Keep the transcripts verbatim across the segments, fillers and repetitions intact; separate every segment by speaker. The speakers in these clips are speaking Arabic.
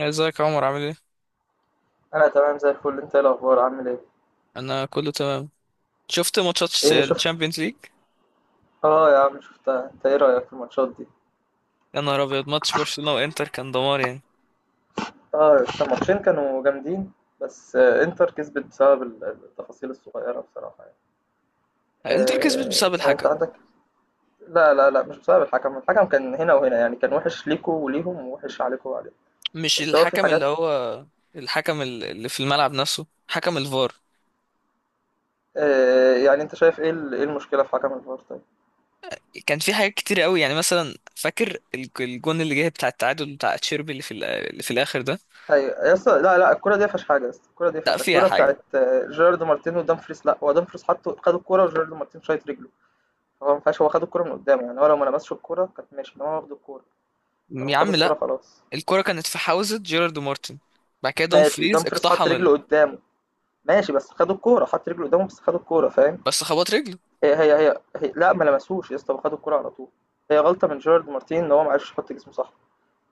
Speaker 1: ازيك يا عمر، عامل ايه؟
Speaker 2: انا تمام زي الفل. انت ايه الاخبار، عامل ايه؟
Speaker 1: انا كله تمام. شفت ماتشات؟
Speaker 2: ايه شفت؟
Speaker 1: الشامبيونز ليج.
Speaker 2: اه يا عم شفتها. انت ايه رايك في الماتشات دي؟
Speaker 1: يا نهار ابيض، ماتش برشلونة وانتر كان دمار يعني.
Speaker 2: اه الماتشين كانوا جامدين. بس آه، انتر كسبت بسبب ال- التفاصيل الصغيره بصراحه يعني.
Speaker 1: انتر كسبت
Speaker 2: آه
Speaker 1: بسبب
Speaker 2: يعني انت
Speaker 1: الحكم.
Speaker 2: عندك. لا لا لا، مش بسبب الحكم. الحكم كان هنا وهنا، يعني كان وحش ليكوا وليهم، ووحش عليكوا وعليهم.
Speaker 1: مش
Speaker 2: بس هو في
Speaker 1: الحكم اللي
Speaker 2: حاجات.
Speaker 1: هو الحكم ال- اللي في الملعب نفسه، حكم الفار.
Speaker 2: آه يعني انت شايف ايه ال- ايه المشكله في حكم الفار طيب؟
Speaker 1: كان في حاجات كتير قوي، يعني مثلا فاكر ال- الجون اللي جه بتاع التعادل بتاع تشيربي اللي في ال- اللي في الاخر ده.
Speaker 2: ايوه يا اسطى، لا لا الكره دي ما فيهاش حاجه يا اسطى، الكره دي ما
Speaker 1: لا،
Speaker 2: فيهاش حاجة.
Speaker 1: فيها
Speaker 2: الكره
Speaker 1: حاجة.
Speaker 2: بتاعت آه، جيرارد مارتين ودامفريس، لا هو دامفريس حطه، خد الكره وجيرارد مارتين شايط رجله. هو ما ينفعش، هو خد الكورة من قدامه. يعني هو لو ما لمسش الكورة كانت ماشي، انما هو واخد الكورة. فلما
Speaker 1: يا
Speaker 2: خد
Speaker 1: عم
Speaker 2: الكورة
Speaker 1: لا.
Speaker 2: خلاص.
Speaker 1: الكرة كانت في حوزة جيرارد مارتن. بعد كده
Speaker 2: ماشي
Speaker 1: دومفريز
Speaker 2: دامفريز حط
Speaker 1: اقتحم
Speaker 2: رجله
Speaker 1: ال...
Speaker 2: قدامه. ماشي بس خد الكورة، حط رجله قدامه بس خد الكورة، فاهم؟
Speaker 1: بس خبط رجله.
Speaker 2: هي هي هي, هي لا ما لمسوش يا اسطى، خد الكورة على طول. هي غلطة من جيرارد مارتين ان هو ما عرفش يحط جسمه صح.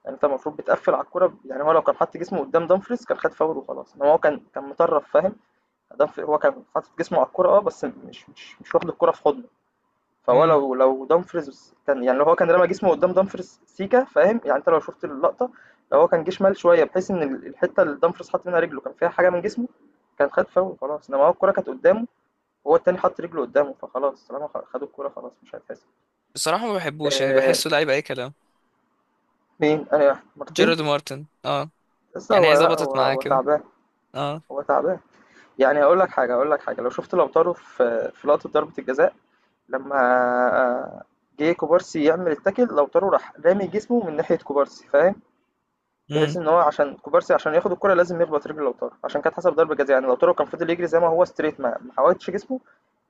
Speaker 2: يعني انت المفروض بتقفل على الكورة، يعني هو لو كان حط جسمه قدام دامفريز كان خد فاول وخلاص، انما هو كان كان مطرف فاهم. دامفريز هو كان حاطط جسمه على الكورة اه، بس مش مش مش واخد الكورة في حضنه. فهو
Speaker 1: امم.
Speaker 2: لو لو دامفريز كان يعني، لو هو كان رمى جسمه قدام دامفريز سيكا فاهم، يعني انت لو شفت اللقطه، لو هو كان جه شمال شويه بحيث ان ال- الحته اللي دامفريز حاط منها رجله كان فيها حاجه من جسمه كان خد فاول خلاص. انما هو الكره كانت قدامه، وهو التاني حط رجله قدامه، فخلاص طالما خ- خدوا الكره خلاص مش هيتحسب.
Speaker 1: بصراحة ما بحبوش، يعني
Speaker 2: آه.
Speaker 1: بحسه لعيب اي كلام.
Speaker 2: مين؟ انا واحد مارتين.
Speaker 1: جيرارد مارتن، اه.
Speaker 2: لسه،
Speaker 1: يعني
Speaker 2: هو
Speaker 1: هي
Speaker 2: لا
Speaker 1: ظبطت
Speaker 2: هو
Speaker 1: معاه
Speaker 2: هو
Speaker 1: كده.
Speaker 2: تعبان.
Speaker 1: اه.
Speaker 2: هو تعبان. يعني هقول لك حاجه، هقول لك حاجه، لو شفت، لو في في لقطه ضربه الجزاء لما آه، جه كوبارسي يعمل التاكل، لو راح رامي جسمه من ناحيه كوبارسي فاهم،
Speaker 1: امم.
Speaker 2: بحيث ان هو عشان كوبارسي عشان ياخد الكرة لازم يخبط رجل لوتارو، عشان كانت حسب ضربة جزاء. يعني لوتارو كان فضل يجري زي ما هو ستريت، ما ما حاولتش جسمه،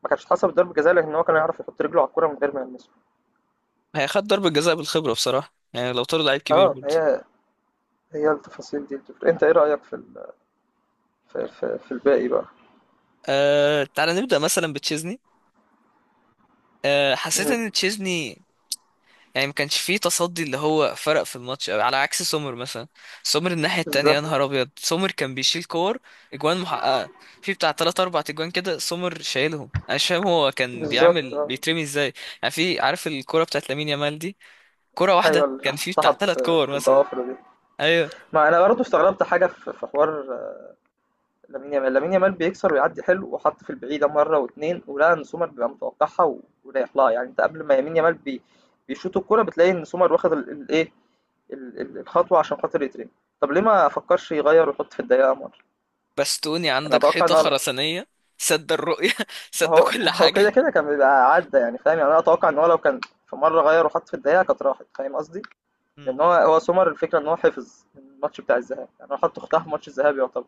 Speaker 2: ما كانتش حسب ضربة جزاء، لكن هو كان يعرف يحط رجله على الكرة من غير ما يلمسها.
Speaker 1: هي خد ضربة جزاء بالخبرة بصراحة، يعني لو طار لعيب كبير
Speaker 2: اه
Speaker 1: برضه.
Speaker 2: هي. هي التفاصيل دي اللي بتفرق. انت ايه رأيك في ال... في... في... في الباقي بقى؟
Speaker 1: آه، تعالى نبدأ مثلا بتشيزني. آه، حسيت
Speaker 2: مم.
Speaker 1: ان تشيزني يعني ما كانش فيه تصدي اللي هو فرق في الماتش قوي، على عكس سومر مثلا. سومر الناحية التانية يا
Speaker 2: بالظبط
Speaker 1: نهار ابيض، سومر كان بيشيل كور. اجوان محققة. في بتاع تلات اربع اجوان كده سومر شايلهم، انا مش فاهم هو كان
Speaker 2: بالظبط
Speaker 1: بيعمل
Speaker 2: اه.
Speaker 1: بيترمي ازاي. يعني في، عارف الكرة بتاعت لامين يامال دي، كرة
Speaker 2: ايوه
Speaker 1: واحدة
Speaker 2: اللي
Speaker 1: كان في
Speaker 2: حطها
Speaker 1: بتاع تلات
Speaker 2: ب-
Speaker 1: كور مثلا.
Speaker 2: بالضوافر دي.
Speaker 1: ايوه.
Speaker 2: ما انا برضه استغربت حاجة في في حوار. لامين يامال لامين يامال بيكسر ويعدي حلو، وحط في البعيدة مرة واتنين، ولقى ان سومر بيبقى متوقعها و- ورايح لها. يعني انت قبل ما يمين يامال بي... بيشوط الكورة بتلاقي ان سومر واخد ال- الايه، ال- ال- الخطوة عشان خاطر يترمي. طب ليه ما فكرش يغير ويحط في الدقيقة مرة؟
Speaker 1: بستوني،
Speaker 2: يعني
Speaker 1: عندك
Speaker 2: اتوقع ان
Speaker 1: حيطة
Speaker 2: هو،
Speaker 1: خرسانية. سد الرؤية
Speaker 2: ما
Speaker 1: سد
Speaker 2: هو
Speaker 1: كل
Speaker 2: ما هو كده
Speaker 1: حاجة.
Speaker 2: كده كان بيبقى عدى يعني فاهم. يعني انا اتوقع ان هو لو كان في مرة غير وحط في الدقيقة كانت راحت، فاهم قصدي؟ لان
Speaker 1: امم.
Speaker 2: هو هو سومر، الفكرة ان هو حفظ الماتش بتاع الذهاب. يعني هو حط اختها في ماتش الذهاب يعتبر،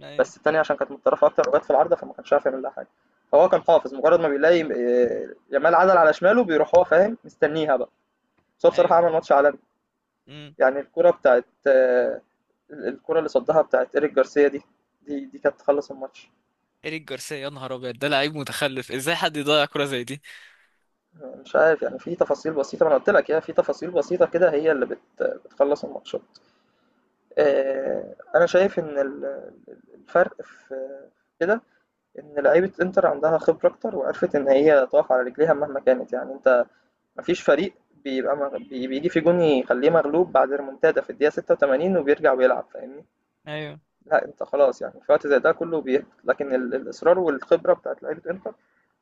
Speaker 1: ايوه،
Speaker 2: بس التانية عشان كانت متطرفة أكتر وجت في العارضة فما كانش عارف يعمل لها حاجة. فهو كان حافظ، مجرد ما بيلاقي آه، يامال عدل على شماله بيروح هو فاهم، مستنيها بقى. بس هو بصراحة
Speaker 1: ايوه.
Speaker 2: عمل
Speaker 1: ايوه.
Speaker 2: ماتش عالمي.
Speaker 1: امم.
Speaker 2: يعني الكرة بتاعت آه، الكرة اللي صدها بتاعت إيريك جارسيا دي، دي دي كانت تخلص الماتش.
Speaker 1: إيريك جارسيا، يا نهار أبيض، ده لعيب متخلف، ازاي حد يضيع كرة زي دي.
Speaker 2: مش عارف، يعني في تفاصيل بسيطة، ما أنا قلت لك يا في تفاصيل بسيطة كده، هي اللي بت بتخلص الماتشات. آه، أنا شايف إن ال- الفرق في كده، إن لعيبة إنتر عندها خبرة أكتر، وعرفت إن هي تقف على رجليها مهما كانت. يعني أنت مفيش فريق بيبقى مغ... بي- بيجي في جون يخليه مغلوب بعد ريمونتادا في الدقيقة ستة وتمانين وبيرجع ويلعب فاهمني؟
Speaker 1: ايوه.
Speaker 2: لا انت خلاص يعني في وقت زي ده كله بيهبط، لكن ال... الإصرار والخبرة بتاعت لعيبة انتر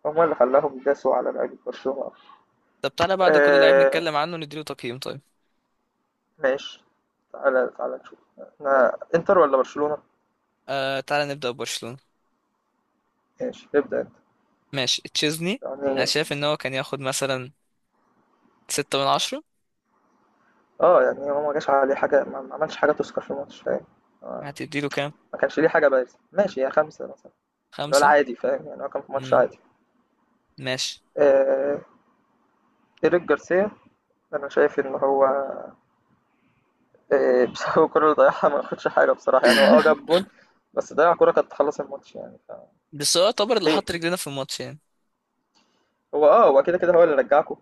Speaker 2: هم اللي خلاهم يداسوا على لعيبة برشلونة.
Speaker 1: طب تعالى بعد كل لعيب
Speaker 2: آه...
Speaker 1: نتكلم عنه نديله تقييم، طيب.
Speaker 2: ماشي. تعالى تعالى نشوف، احنا انتر ولا برشلونة؟
Speaker 1: آه، تعالى نبدأ ببرشلونة.
Speaker 2: ماشي ابدأ انت.
Speaker 1: ماشي، تشيزني. أنا
Speaker 2: يعني
Speaker 1: شايف إن هو كان ياخد مثلا ستة من عشرة.
Speaker 2: اه، يعني هو ما جاش عليه حاجة، ما ما عملش حاجة تذكر في الماتش فاهم. آه،
Speaker 1: هتديله كام؟
Speaker 2: ما كانش ليه حاجة بارزة، ماشي يا خمسة مثلا، اللي هو
Speaker 1: خمسة.
Speaker 2: العادي فاهم. يعني هو كان في ماتش
Speaker 1: امم.
Speaker 2: عادي.
Speaker 1: ماشي.
Speaker 2: آه... إيريك جارسيا، أنا شايف إن هو آآ بسبب الكرة اللي ضيعها ما ياخدش حاجة بصراحة. يعني هو آه جاب جون، بس ضيّع كرة كانت تخلّص الماتش يعني ف...
Speaker 1: بس هو يعتبر اللي
Speaker 2: ليه؟
Speaker 1: حط رجلنا في الماتش يعني.
Speaker 2: هو آه، هو كده، كده هو اللي رجّعكم.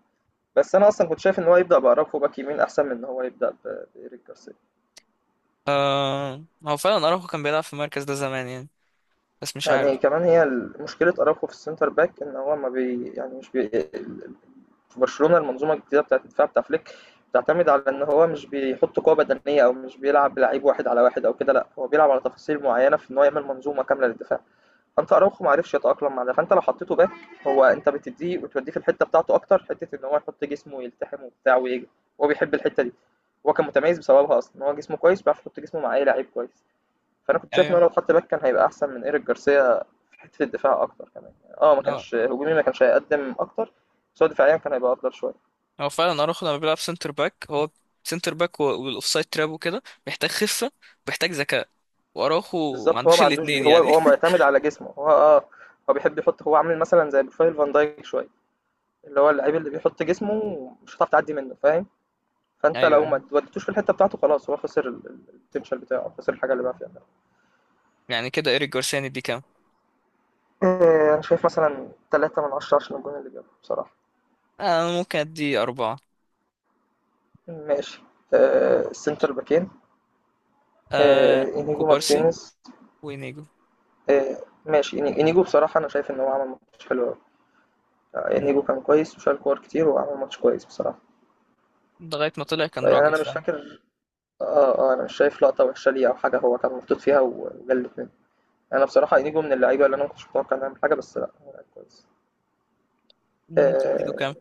Speaker 2: بس أنا أصلًا كنت شايف إن هو يبدأ بأراوخو باك يمين أحسن من إن هو يبدأ ب بإيريك جارسيا.
Speaker 1: آه، هو فعلا أراوخو كان بيلعب في المركز ده زمان يعني، بس مش عارف.
Speaker 2: يعني كمان هي ال مشكلة أراوخو في الcenter back إن هو ما بي يعني مش بي ال- في برشلونة المنظومة الجديدة بتاعة الدفاع بتاع فليك بتعتمد على إن هو مش بيحُط قوة بدنية، أو مش بيلعب بلعيب واحد على واحد أو كده، لأ. هو بيلعب على تفاصيل معيّنة في إن هو يعمل منظومة كاملة للدفاع. انت اراوخو ما عرفش يتاقلم مع ده، فانت لو حطيته باك هو، انت بتديه وتوديه في الحته بتاعته، اكتر حته ان هو يحط جسمه ويلتحم وبتاع ويجري. هو بيحب الحته دي، هو كان متميز بسببها اصلا، ان هو جسمه كويس بيعرف يحط جسمه مع اي لعيب كويس. فانا كنت شايف ان
Speaker 1: ايوه،
Speaker 2: هو لو اتحط باك كان هيبقى احسن من ايريك جارسيا في حته الدفاع اكتر كمان. يعني اه ما كانش هجومي، ما كانش هيقدم اكتر، بس هو دفاعيا كان هيبقى افضل شويه.
Speaker 1: هو فعلا اراخو لما بيلعب سنتر باك، هو سنتر باك و- والاوفسايد تراب وكده، محتاج خفه ومحتاج ذكاء، واراخو ما
Speaker 2: بالظبط، هو
Speaker 1: عندوش
Speaker 2: ما عندوش
Speaker 1: الاثنين
Speaker 2: دي، هو
Speaker 1: يعني
Speaker 2: هو معتمد على جسمه، هو اه هو بيحب يحط، هو عامل مثلا زي بروفايل فان دايك شويه، اللي هو اللعيب اللي بيحط جسمه مش هتعرف تعدي منه فاهم. فانت
Speaker 1: ايوه،
Speaker 2: لو
Speaker 1: ايوه.
Speaker 2: ما وديتوش في الحته بتاعته خلاص هو خسر ال- ال- البوتنشال بتاعه، خسر الحاجه اللي بقى فيها.
Speaker 1: يعني كده ايريك جارسيا ندي كام؟
Speaker 2: آه، انا شايف مثلا ثلاثة من عشرة عشان الجون اللي جابه بصراحه.
Speaker 1: آه، انا ممكن ادي اربعه.
Speaker 2: ماشي. آه، السنتر باكين، آه،
Speaker 1: آه،
Speaker 2: انيجو
Speaker 1: كوبارسي.
Speaker 2: مارتينيز.
Speaker 1: وينيجو.
Speaker 2: آه، ماشي، إني- انيجو بصراحه انا شايف ان هو عمل ماتش حلو قوي. آه،
Speaker 1: م-
Speaker 2: انيجو كان كويس، وشال كور كتير، وعمل ماتش كويس بصراحه.
Speaker 1: لغايه ما طلع كان
Speaker 2: فيعني
Speaker 1: راجل
Speaker 2: انا مش
Speaker 1: فعلا.
Speaker 2: فاكر اه اه، انا مش شايف لقطه وحشه ليه او حاجه هو كان محطوط فيها و- وجلت منه. انا بصراحه انيجو من اللعيبه اللي انا ما كنتش متوقع انه يعمل حاجه، بس لا هو لعيب كويس.
Speaker 1: م، تديله
Speaker 2: آه،
Speaker 1: كام؟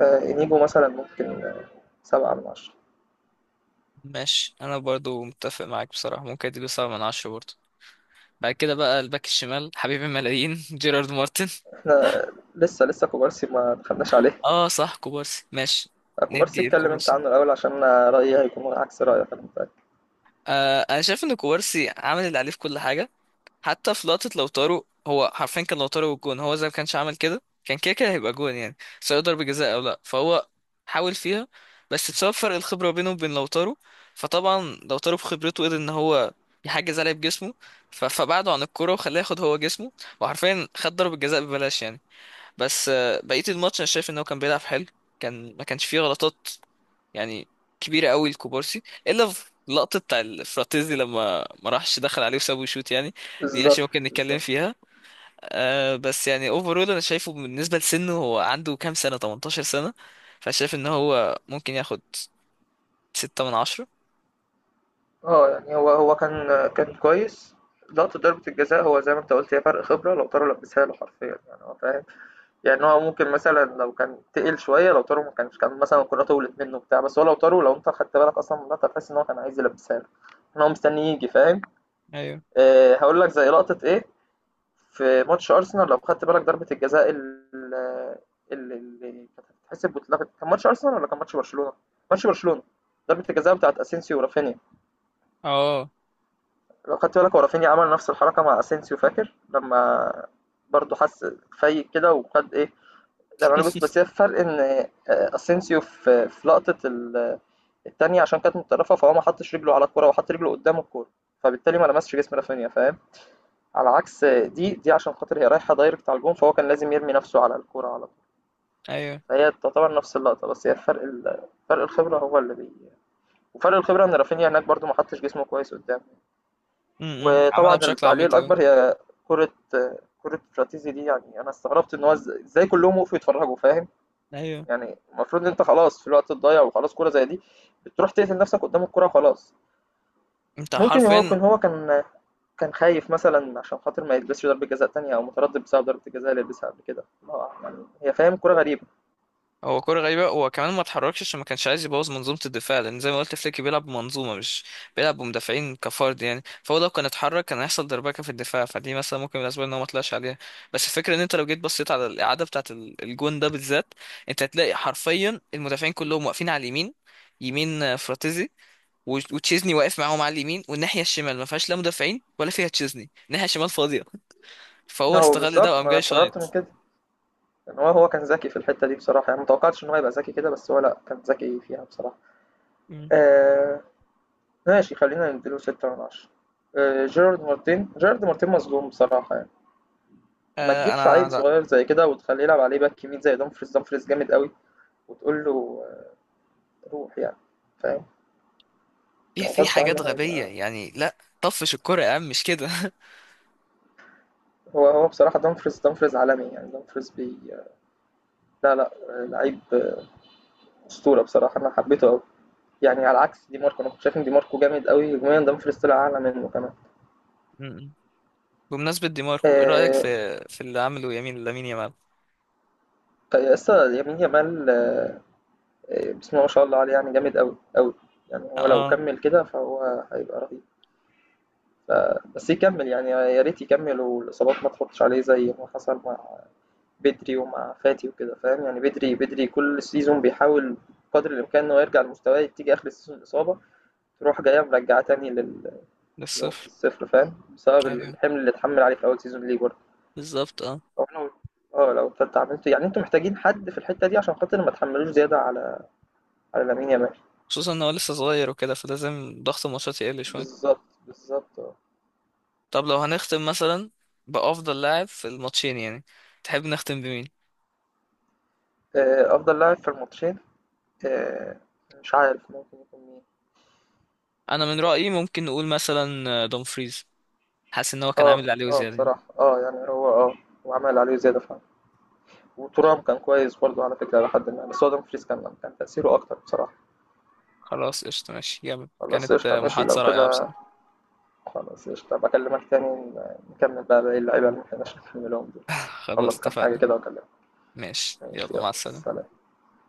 Speaker 2: آه، انيجو مثلا ممكن، آه، سبعة من عشرة.
Speaker 1: ماشي، انا برضو متفق معاك بصراحه، ممكن اديله سبعة من عشرة برضو. بعد كده بقى الباك الشمال، حبيب الملايين جيرارد مارتن.
Speaker 2: احنا لسه، لسه كوبارسي ما دخلناش عليه.
Speaker 1: اه صح، كوبارسي ماشي.
Speaker 2: آه، كوبارسي،
Speaker 1: ندي
Speaker 2: اتكلم انت
Speaker 1: الكوبارسي.
Speaker 2: عنه الأول عشان أنا رأيي هيكون عكس رأيك، أنا متأكد.
Speaker 1: آه، انا شايف ان كوبارسي عامل اللي عليه في كل حاجه. حتى في لقطه لوتارو، هو حرفيا كان لوتارو والجون، هو زي ما كانش عمل كده كان كده كده هيبقى جون، يعني سواء ضربه جزاء او لا، فهو حاول فيها، بس بسبب فرق الخبره بينه وبين لوتارو، فطبعا لوتارو بخبرته قدر ان هو يحجز عليه بجسمه، ف- فبعده عن الكرة وخلاه ياخد هو جسمه، وحرفيا خد ضربة جزاء ببلاش يعني. بس آه، بقية الماتش انا شايف ان هو كان بيلعب حلو، كان ما كانش فيه غلطات يعني كبيرة قوي الكوبارسي، الا في لقطة بتاع الفراتيزي لما ما راحش دخل عليه وسابه يشوت يعني، دي عشان
Speaker 2: بالظبط
Speaker 1: ممكن نتكلم
Speaker 2: بالظبط
Speaker 1: فيها. آه، بس يعني اوفرول انا شايفه بالنسبة لسنه، هو عنده كام سنة، 18 سنة؟ فشايف ان هو ممكن ياخد ستة من عشرة.
Speaker 2: اه. يعني هو هو كان آه، كان كويس. لقطة ضربة الجزاء هو زي ما انت قلت، هي فرق خبرة، لو طاروا لبسها له حرفيا يعني هو فاهم. يعني هو ممكن مثلا لو كان تقل شوية، لو طاروا ما كانش، كان مثلا الكرة طولت منه بتاع، بس هو لو طاروا، لو انت خدت بالك أصلا من اللقطة تحس إن هو كان عايز يلبسها له، إن هو مستني يجي فاهم.
Speaker 1: ايوه،
Speaker 2: آه، هقول لك زي لقطة ايه، في ماتش أرسنال لو خدت بالك، ضربة الجزاء ال- اللي اللي كانت هتتحسب واتلغت، كان ماتش أرسنال ولا كان ماتش برشلونة؟ ماتش برشلونة، ضربة الجزاء بتاعت أسينسيو ورافينيا.
Speaker 1: اه،
Speaker 2: لو خدت بالك هو رافينيا عمل نفس الحركة مع أسينسيو، فاكر؟ لما برضه حس فايق كده وخد إيه، لما عمل جوز. بس هي الفرق إن آه، أسينسيو في في لقطة ال- التانية عشان كانت متطرفة، فهو ما حطش رجله على الكورة، وحط رجله قدام الكورة، فبالتالي ما لمسش جسم رافينيا فاهم؟ على عكس دي دي، عشان خاطر هي رايحة دايركت على الجون، فهو كان لازم يرمي نفسه على الكورة على طول.
Speaker 1: ايوه.
Speaker 2: فهي تعتبر نفس اللقطة، بس هي الفرق ال- فرق الخبرة هو اللي بي وفرق الخبرة ان رافينيا هناك برضو ما حطش جسمه كويس قدام.
Speaker 1: امم،
Speaker 2: وطبعا
Speaker 1: عملها بشكل
Speaker 2: التعليق
Speaker 1: عبيط قوي.
Speaker 2: الأكبر، هي كرة كرة فراتيزي دي. يعني أنا استغربت ان هو إز- ازاي كلهم وقفوا يتفرجوا فاهم؟
Speaker 1: ايوه،
Speaker 2: يعني المفروض ان انت خلاص في الوقت الضايع، وخلاص كورة زي دي بتروح تقتل نفسك قدام الكورة خلاص.
Speaker 1: انت
Speaker 2: ممكن هو
Speaker 1: حرفيا.
Speaker 2: كان، هو كان كان خايف مثلًا عشان خاطر ما يلبسش ضربة جزاء تانية، أو متردد بسبب ضربة الجزاء اللي لبسها قبل كده. ما هو يعني هي فاهم كورة غريبة.
Speaker 1: هو كرة غريبة، هو كمان ما اتحركش عشان ما كانش عايز يبوظ منظومة الدفاع، لأن زي ما قلت فليك بيلعب بمنظومة مش بيلعب بمدافعين كفرد يعني، فهو لو كان اتحرك كان هيحصل دربكة في الدفاع، فدي مثلا ممكن من الأسباب إن هو ما طلعش عليها. بس الفكرة، إن أنت لو جيت بصيت على الإعادة بتاعة ال- الجون ده بالذات، أنت هتلاقي حرفيا المدافعين كلهم واقفين على اليمين، يمين آه، فراتيزي، و- وتشيزني واقف معاهم على اليمين، والناحية الشمال ما فيهاش لا مدافعين ولا فيها تشيزني، الناحية الشمال فاضية، فهو
Speaker 2: أهو
Speaker 1: استغل ده
Speaker 2: بالضبط،
Speaker 1: وقام
Speaker 2: ما أنا
Speaker 1: جاي
Speaker 2: استغربت من
Speaker 1: شايط.
Speaker 2: كده، إن هو هو كان ذكي في الحتة دي بصراحة. يعني ما توقعتش إن هو يبقى ذكي كده، بس هو لأ، كان ذكي فيها بصراحة.
Speaker 1: مم.
Speaker 2: آآ ماشي، خلّينا ندّي له ستة من عشرة. آآ جيرارد مارتين، جيرارد مارتين مظلوم بصراحة يعني، ما
Speaker 1: آه،
Speaker 2: تجيبش
Speaker 1: أنا،
Speaker 2: عيل صغير زي كده وتخلّيه يلعب عليه باك يمين زي دومفريز، دومفريز جامد أوي، وتقول له آه، روح يعني فاهم،
Speaker 1: في
Speaker 2: هو
Speaker 1: في
Speaker 2: غصب عنّه
Speaker 1: حاجات غبية
Speaker 2: هي.
Speaker 1: يعني، لا طفش الكرة يا عم، مش كده
Speaker 2: هو هو بصراحة، دامفريز دامفريز عالمي، يعني دامفريز بي لا لا، لعيب أسطورة بصراحة، أنا حبيته أوي. يعني على عكس دي ماركو، أنا كنت شايف إن دي ماركو جامد أوي هجوميا، دامفريز طلع أعلى منه كمان.
Speaker 1: م-م. بمناسبة دي ماركو، ايه رأيك
Speaker 2: آه،
Speaker 1: في في اللي عمله يمين لامين يامال؟
Speaker 2: لسه يمين يامال، آه، آه، بسم الله ما شاء الله عليه، يعني جامد أوي أوي. يعني هو لو
Speaker 1: اه.
Speaker 2: كمل كده فهو هيبقى رهيب، بس يكمل يعني، يا ريت يكمل والإصابات ما تحطش عليه زي ما حصل مع بدري ومع فاتي وكده فاهم. يعني بدري بدري كل سيزون بيحاول قدر الإمكان إنه يرجع لمستواه، تيجي آخر السيزون الإصابة تروح جاية مرجعاه تاني لل- لنقطة
Speaker 1: للصفر.
Speaker 2: الصفر فاهم، بسبب
Speaker 1: ايوه،
Speaker 2: الحمل اللي اتحمل عليه في أول سيزون ليه برضه.
Speaker 1: بالظبط، اه.
Speaker 2: أو لو اه لو كنت عملته، يعني انتوا محتاجين حد في الحتة دي عشان خاطر ما تحملوش زيادة على على لامين يامال.
Speaker 1: خصوصا ان هو لسه صغير وكده، فلازم ضغط الماتشات يقل شوية.
Speaker 2: بالظبط بالظبط اه.
Speaker 1: طب لو هنختم مثلا بأفضل لاعب في الماتشين يعني، تحب نختم بمين؟
Speaker 2: آه، أفضل لاعب في الماتشين، آه، مش عارف ممكن يكون مين.
Speaker 1: انا من رأيي ممكن نقول مثلا دومفريز، حاسس ان هو كان عامل
Speaker 2: اه
Speaker 1: اللي عليه
Speaker 2: اه
Speaker 1: وزيادة يعني.
Speaker 2: بصراحة اه، يعني هو اه هو عمل عليه زيادة فعلا. وترام كان كويس برضه على فكرة لحد ما، بس هو دومفريز كان، كان تأثيره أكتر بصراحة.
Speaker 1: خلاص، قشطة، ماشي، جامد، كانت
Speaker 2: خلاص قشطة ماشي لو
Speaker 1: محادثة رائعة
Speaker 2: كده،
Speaker 1: بصراحة.
Speaker 2: خلاص قشطة، هابقى أكلمك تاني ن- نكمل بقى باقي اللعيبة اللي ما لحقناش نكملهم دول.
Speaker 1: خلاص،
Speaker 2: أخلّص كام حاجة
Speaker 1: اتفقنا.
Speaker 2: كده وأكلمك.
Speaker 1: ماشي،
Speaker 2: ماشي
Speaker 1: يلا
Speaker 2: يلا
Speaker 1: مع السلامة.
Speaker 2: سلام.